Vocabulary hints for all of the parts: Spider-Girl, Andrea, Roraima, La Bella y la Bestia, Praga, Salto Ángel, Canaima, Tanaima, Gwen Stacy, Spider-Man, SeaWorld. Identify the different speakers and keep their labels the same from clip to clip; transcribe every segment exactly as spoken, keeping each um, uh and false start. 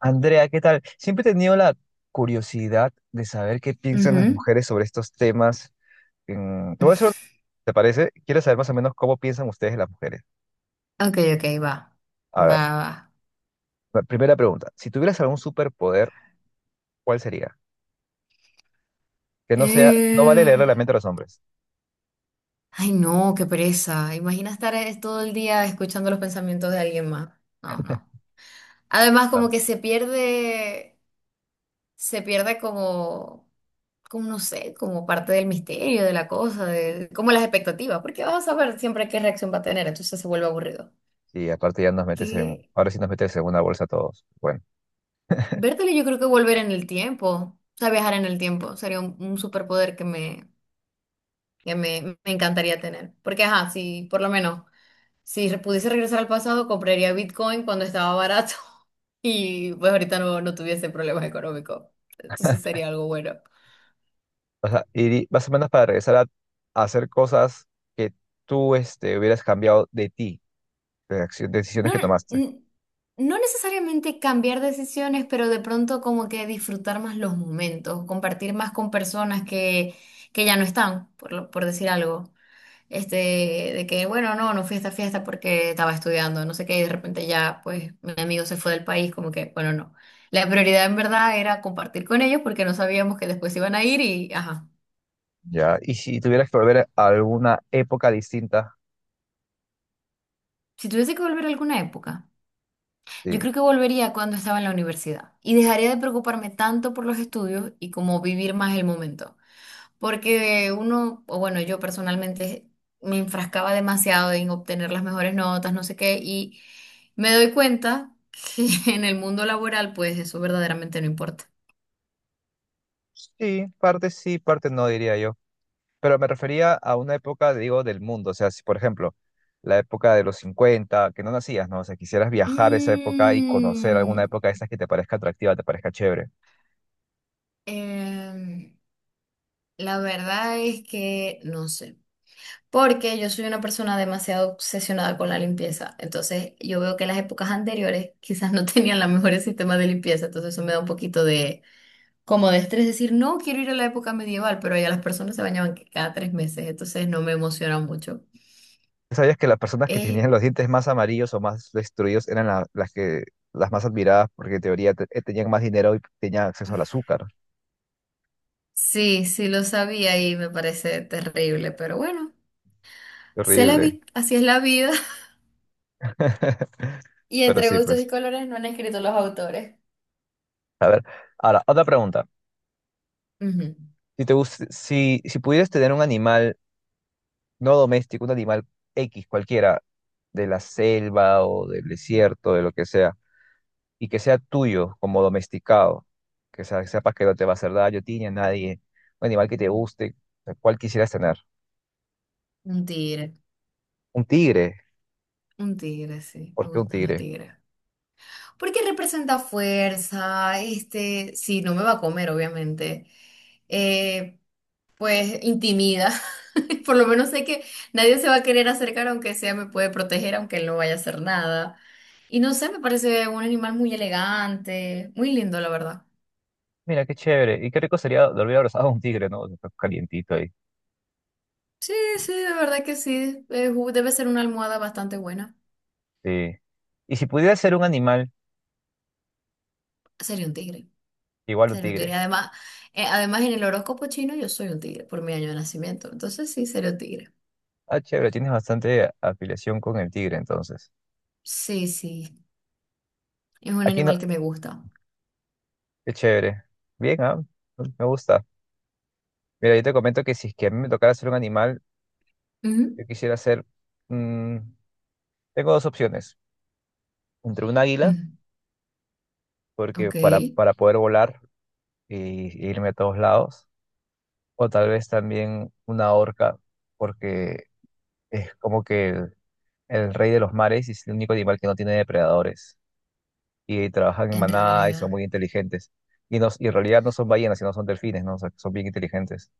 Speaker 1: Andrea, ¿qué tal? Siempre he tenido la curiosidad de saber qué piensan las
Speaker 2: Ujú.
Speaker 1: mujeres sobre estos temas. Mm, Te voy a hacer una, ¿te parece? Quiero saber más o menos cómo piensan ustedes las mujeres.
Speaker 2: Ok, ok, va.
Speaker 1: A
Speaker 2: Va,
Speaker 1: ver,
Speaker 2: va.
Speaker 1: la primera pregunta. Si tuvieras algún superpoder, ¿cuál sería? Que no sea, no vale
Speaker 2: Eh,
Speaker 1: leerle la mente a los hombres.
Speaker 2: Ay, no, qué pereza. Imagina estar eh, todo el día escuchando los pensamientos de alguien más. No, no. Además,
Speaker 1: Ah.
Speaker 2: como que se pierde, se pierde como, como no sé, como parte del misterio de la cosa, de, como las expectativas, porque vas a saber siempre qué reacción va a tener, entonces se vuelve aburrido.
Speaker 1: Sí, aparte ya nos metes en,
Speaker 2: Que
Speaker 1: ahora sí nos metes en una bolsa a todos. Bueno,
Speaker 2: vértelo, yo creo que volver en el tiempo, o sea, viajar en el tiempo, sería un, un superpoder que me, que me, me encantaría tener. Porque, ajá, si por lo menos, si re- pudiese regresar al pasado, compraría Bitcoin cuando estaba barato y pues ahorita no, no tuviese problemas económicos. Entonces sería algo bueno.
Speaker 1: o sea, y más o menos para regresar a, a hacer cosas que tú este, hubieras cambiado de ti, de acción- decisiones
Speaker 2: No,
Speaker 1: que tomaste.
Speaker 2: n- no necesariamente cambiar decisiones, pero de pronto como que disfrutar más los momentos, compartir más con personas que, que ya no están, por, lo- por decir algo. Este, de que, bueno, no, no fui a esta fiesta porque estaba estudiando, no sé qué, y de repente ya, pues, mi amigo se fue del país, como que, bueno, no. La prioridad en verdad era compartir con ellos porque no sabíamos que después iban a ir y, ajá.
Speaker 1: Ya, y si tuvieras que volver a alguna época distinta,
Speaker 2: Si tuviese que volver a alguna época, yo
Speaker 1: sí.
Speaker 2: creo que volvería cuando estaba en la universidad y dejaría de preocuparme tanto por los estudios y como vivir más el momento. Porque uno, o bueno, yo personalmente me enfrascaba demasiado en obtener las mejores notas, no sé qué, y me doy cuenta que en el mundo laboral, pues eso verdaderamente no importa.
Speaker 1: Sí, parte sí, parte no, diría yo. Pero me refería a una época, digo, del mundo. O sea, si por ejemplo, la época de los cincuenta que no nacías, ¿no? O sea, quisieras viajar a esa época y conocer alguna
Speaker 2: Mm,
Speaker 1: época de esas que te parezca atractiva, te parezca chévere.
Speaker 2: em, la verdad es que no sé, porque yo soy una persona demasiado obsesionada con la limpieza, entonces yo veo que las épocas anteriores quizás no tenían los mejores sistemas de limpieza, entonces eso me da un poquito de como de estrés, decir, no quiero ir a la época medieval, pero allá las personas se bañaban que cada tres meses, entonces no me emociona mucho.
Speaker 1: ¿Sabías que las personas que
Speaker 2: Eh,
Speaker 1: tenían los dientes más amarillos o más destruidos eran la- las que, las más admiradas porque en teoría te- eh, tenían más dinero y tenían acceso al azúcar?
Speaker 2: sí, sí lo sabía y me parece terrible, pero bueno, se la
Speaker 1: Horrible.
Speaker 2: vi, así es la vida. Y
Speaker 1: Pero
Speaker 2: entre
Speaker 1: sí,
Speaker 2: gustos y
Speaker 1: pues.
Speaker 2: colores no han escrito los autores.
Speaker 1: A ver, ahora, otra pregunta.
Speaker 2: Ujú.
Speaker 1: Si te gust- si, si pudieras tener un animal no doméstico, un animal X, cualquiera, de la selva o del desierto, de lo que sea, y que sea tuyo como domesticado, que sea- sepas que no te va a hacer daño a ti ni a nadie, un animal que te guste, ¿cuál quisieras tener?
Speaker 2: Un tigre,
Speaker 1: Un tigre,
Speaker 2: un tigre, sí, me
Speaker 1: ¿por qué un
Speaker 2: gustan los
Speaker 1: tigre?
Speaker 2: tigres. Porque representa fuerza, este, sí, no me va a comer, obviamente. Eh, pues intimida. Por lo menos sé que nadie se va a querer acercar, aunque sea me puede proteger, aunque él no vaya a hacer nada. Y no sé, me parece un animal muy elegante, muy lindo, la verdad.
Speaker 1: Mira, qué chévere, y qué rico sería dormir abrazado a un tigre, ¿no? Está calientito ahí.
Speaker 2: Sí, sí, de verdad que sí. Eh, ju- debe ser una almohada bastante buena.
Speaker 1: Sí. Y si pudieras ser un animal,
Speaker 2: Sería un tigre,
Speaker 1: igual un
Speaker 2: sería un tigre.
Speaker 1: tigre.
Speaker 2: Además, eh, además en el horóscopo chino yo soy un tigre por mi año de nacimiento. Entonces sí, sería un tigre.
Speaker 1: Ah, chévere, tienes bastante afiliación con el tigre, entonces.
Speaker 2: Sí, sí, es un
Speaker 1: Aquí, no-
Speaker 2: animal que me gusta.
Speaker 1: Qué chévere. Bien, ah, me gusta. Mira, yo te comento que si es que a mí me tocara ser un animal,
Speaker 2: Ujú,
Speaker 1: yo quisiera ser... mm, tengo dos opciones. Entre un águila,
Speaker 2: ujú.
Speaker 1: porque
Speaker 2: Ok,
Speaker 1: para, para poder volar y, y irme a todos lados, o tal vez también una orca, porque es como que el, el rey de los mares y es el único animal que no tiene depredadores. Y trabajan en
Speaker 2: en
Speaker 1: manada y son
Speaker 2: realidad.
Speaker 1: muy inteligentes. Y, no- y en realidad no son ballenas, sino son delfines, ¿no? O sea, que son bien inteligentes.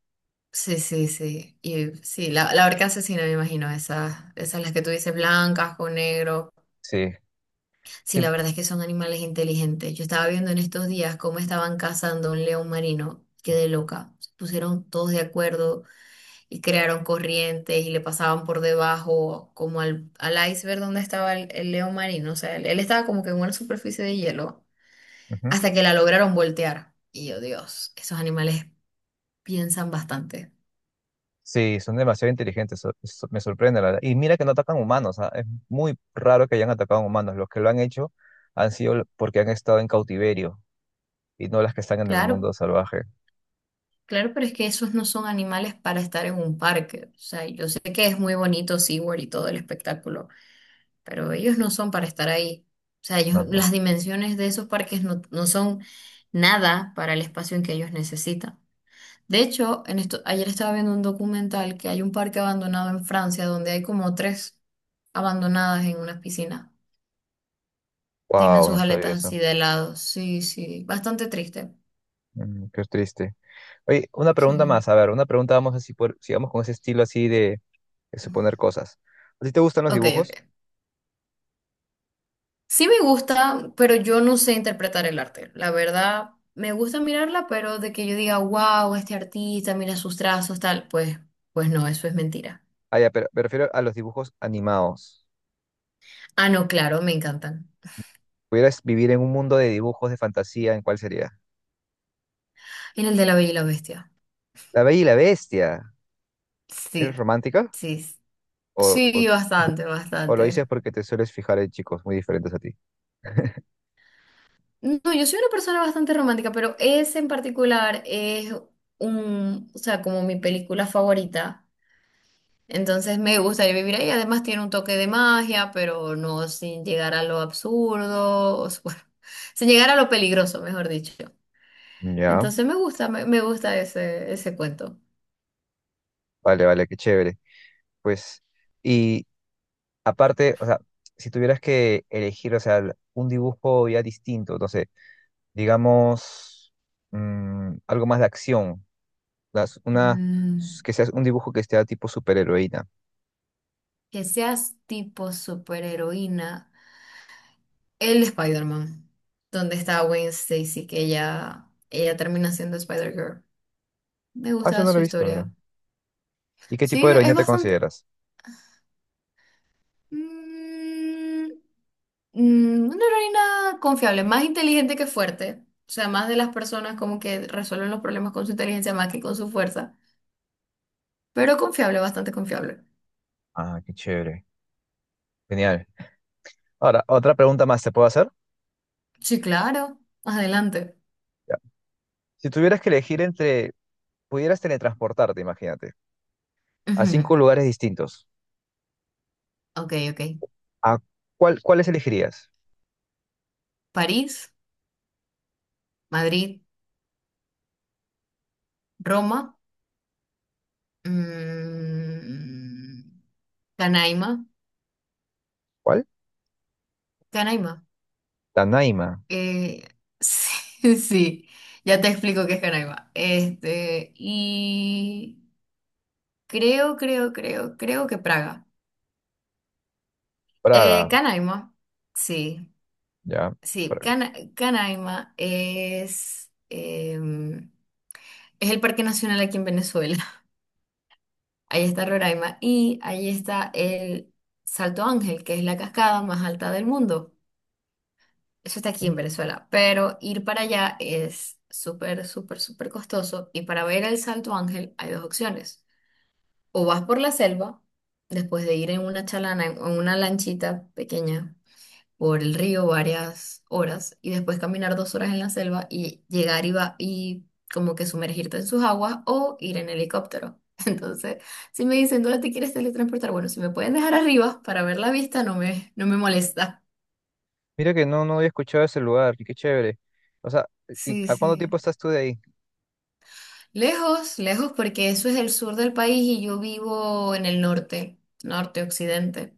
Speaker 2: Sí, sí, sí. Y sí, la, la orca asesina, me imagino, esas, esas las que tú dices, blancas con negro.
Speaker 1: Sí.
Speaker 2: Sí,
Speaker 1: Sí.
Speaker 2: la verdad es que son animales inteligentes. Yo estaba viendo en estos días cómo estaban cazando un león marino. Quedé loca. Se pusieron todos de acuerdo y crearon corrientes y le pasaban por debajo, como al, al iceberg donde estaba el, el león marino. O sea, él, él estaba como que en una superficie de hielo,
Speaker 1: Ujú.
Speaker 2: hasta que la lograron voltear. Y yo, Dios, esos animales piensan bastante.
Speaker 1: Sí, son demasiado inteligentes, so- so- me sorprende la verdad. Y mira que no atacan humanos, ah, es muy raro que hayan atacado humanos. Los que lo han hecho han sido l- porque han estado en cautiverio y no las que están en el
Speaker 2: Claro.
Speaker 1: mundo salvaje.
Speaker 2: Claro, pero es que esos no son animales para estar en un parque. O sea, yo sé que es muy bonito SeaWorld y todo el espectáculo, pero ellos no son para estar ahí. O sea, ellos-
Speaker 1: No, no.
Speaker 2: las dimensiones de esos parques no, no son nada para el espacio en que ellos necesitan. De hecho, en esto, ayer estaba viendo un documental que hay un parque abandonado en Francia donde hay como tres abandonadas en unas piscinas. Tienen
Speaker 1: Wow,
Speaker 2: sus
Speaker 1: no sabía
Speaker 2: aletas
Speaker 1: eso.
Speaker 2: así de lado. Sí, sí, bastante triste.
Speaker 1: Mm, qué triste. Oye, una pregunta
Speaker 2: Sí.
Speaker 1: más, a ver, una pregunta vamos así por, sigamos con ese estilo así de, de suponer cosas. ¿A ti te gustan los
Speaker 2: Ok,
Speaker 1: dibujos?
Speaker 2: ok. Sí me gusta, pero yo no sé interpretar el arte. La verdad, me gusta mirarla, pero de que yo diga, wow, este artista, mira sus trazos, tal, pues, pues no, eso es mentira.
Speaker 1: Ah, ya, pero me refiero a los dibujos animados.
Speaker 2: Ah, no, claro, me encantan.
Speaker 1: ¿Pudieras vivir en un mundo de dibujos de fantasía, en cuál sería?
Speaker 2: En el de La Bella y la Bestia.
Speaker 1: La Bella y la Bestia. ¿Eres
Speaker 2: Sí,
Speaker 1: romántica?
Speaker 2: sí.
Speaker 1: O, o,
Speaker 2: Sí, bastante,
Speaker 1: o lo dices
Speaker 2: bastante.
Speaker 1: porque te sueles fijar en chicos muy diferentes a ti.
Speaker 2: No, yo soy una persona bastante romántica, pero ese en particular es un, o sea, como mi película favorita. Entonces me gustaría vivir ahí. Además tiene un toque de magia, pero no sin llegar a lo absurdo, o sea, bueno, sin llegar a lo peligroso, mejor dicho.
Speaker 1: Ya,
Speaker 2: Entonces me gusta, me, me gusta ese, ese cuento.
Speaker 1: vale, vale, qué chévere. Pues, y aparte, o sea, si tuvieras que elegir, o sea, un dibujo ya distinto, no sé, digamos, mm, algo más de acción, las- una,
Speaker 2: Mm,
Speaker 1: que seas un dibujo que sea tipo superheroína.
Speaker 2: que seas tipo superheroína. El Spider-Man, donde está Gwen Stacy, que ella, ella termina siendo Spider-Girl. Me
Speaker 1: Ah, eso
Speaker 2: gusta
Speaker 1: no lo
Speaker 2: su
Speaker 1: he visto, mira.
Speaker 2: historia.
Speaker 1: ¿Y qué tipo de
Speaker 2: Sí,
Speaker 1: heroína
Speaker 2: es
Speaker 1: te
Speaker 2: bastante...
Speaker 1: consideras?
Speaker 2: mm, Mm, una heroína confiable, más inteligente que fuerte. O sea, más de las personas como que resuelven los problemas con su inteligencia más que con su fuerza. Pero confiable, bastante confiable.
Speaker 1: Ah, qué chévere. Genial. Ahora, otra pregunta más, ¿te puedo hacer?
Speaker 2: Sí, claro. Adelante.
Speaker 1: Ya. Si tuvieras que elegir entre, pudieras teletransportarte, imagínate, a
Speaker 2: Ujú.
Speaker 1: cinco lugares distintos.
Speaker 2: Ok, ok.
Speaker 1: ¿A cuál, cuáles elegirías?
Speaker 2: París, Madrid, Roma, mm, Canaima.
Speaker 1: ¿Cuál?
Speaker 2: Canaima.
Speaker 1: Tanaima,
Speaker 2: Eh, sí, sí. Ya te explico qué es Canaima. Este, y creo, creo, creo, creo que Praga. Eh,
Speaker 1: Praga,
Speaker 2: Canaima, sí,
Speaker 1: ya.
Speaker 2: sí,
Speaker 1: Praga.
Speaker 2: Cana- Canaima es, em, es el parque nacional aquí en Venezuela. Ahí está Roraima y ahí está el Salto Ángel, que es la cascada más alta del mundo. Eso está aquí en
Speaker 1: Mm,
Speaker 2: Venezuela, pero ir para allá es súper, súper, súper costoso y para ver el Salto Ángel hay dos opciones. O vas por la selva, después de ir en una chalana, en en una lanchita pequeña por el río varias horas y después caminar dos horas en la selva y llegar y, va- y como que sumergirte en sus aguas o ir en helicóptero. Entonces, si me dicen, ¿dónde te quieres teletransportar? Bueno, si me pueden dejar arriba para ver la vista, no me, no me molesta.
Speaker 1: Mira que no, no había escuchado ese lugar, qué chévere. O sea, ¿y
Speaker 2: Sí,
Speaker 1: a cuánto tiempo
Speaker 2: sí.
Speaker 1: estás tú de ahí?
Speaker 2: Lejos, lejos, porque eso es el sur del país y yo vivo en el norte, norte, occidente.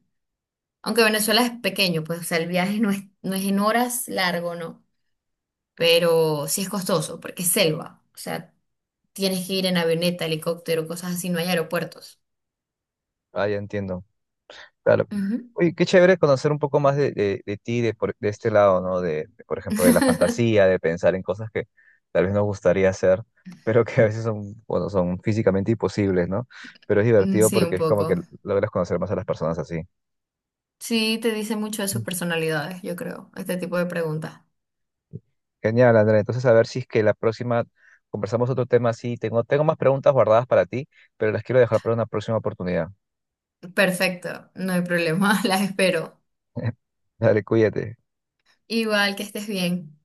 Speaker 2: Aunque Venezuela es pequeño, pues, o sea, el viaje no es, no es en horas largo, ¿no? Pero sí es costoso, porque es selva. O sea, tienes que ir en avioneta, helicóptero, cosas así, no hay aeropuertos.
Speaker 1: Ah, ya entiendo, claro.
Speaker 2: Ujú.
Speaker 1: Oye, qué chévere conocer un poco más de, de, de ti, de, por- de este lado, ¿no? De, de, por ejemplo, de la fantasía, de pensar en cosas que tal vez nos gustaría hacer, pero que a veces son, bueno, son físicamente imposibles, ¿no? Pero es
Speaker 2: Mm,
Speaker 1: divertido
Speaker 2: sí, un
Speaker 1: porque es como
Speaker 2: poco.
Speaker 1: que logras conocer más a las personas así.
Speaker 2: Sí, te dice mucho de sus
Speaker 1: Mm.
Speaker 2: personalidades, yo creo, este tipo de preguntas.
Speaker 1: Genial, Andrea. Entonces, a ver si es que la próxima conversamos otro tema así. Tengo, tengo más preguntas guardadas para ti, pero las quiero dejar para una próxima oportunidad.
Speaker 2: Perfecto, no hay problema, las espero.
Speaker 1: Dale, cuídate.
Speaker 2: Igual que estés bien.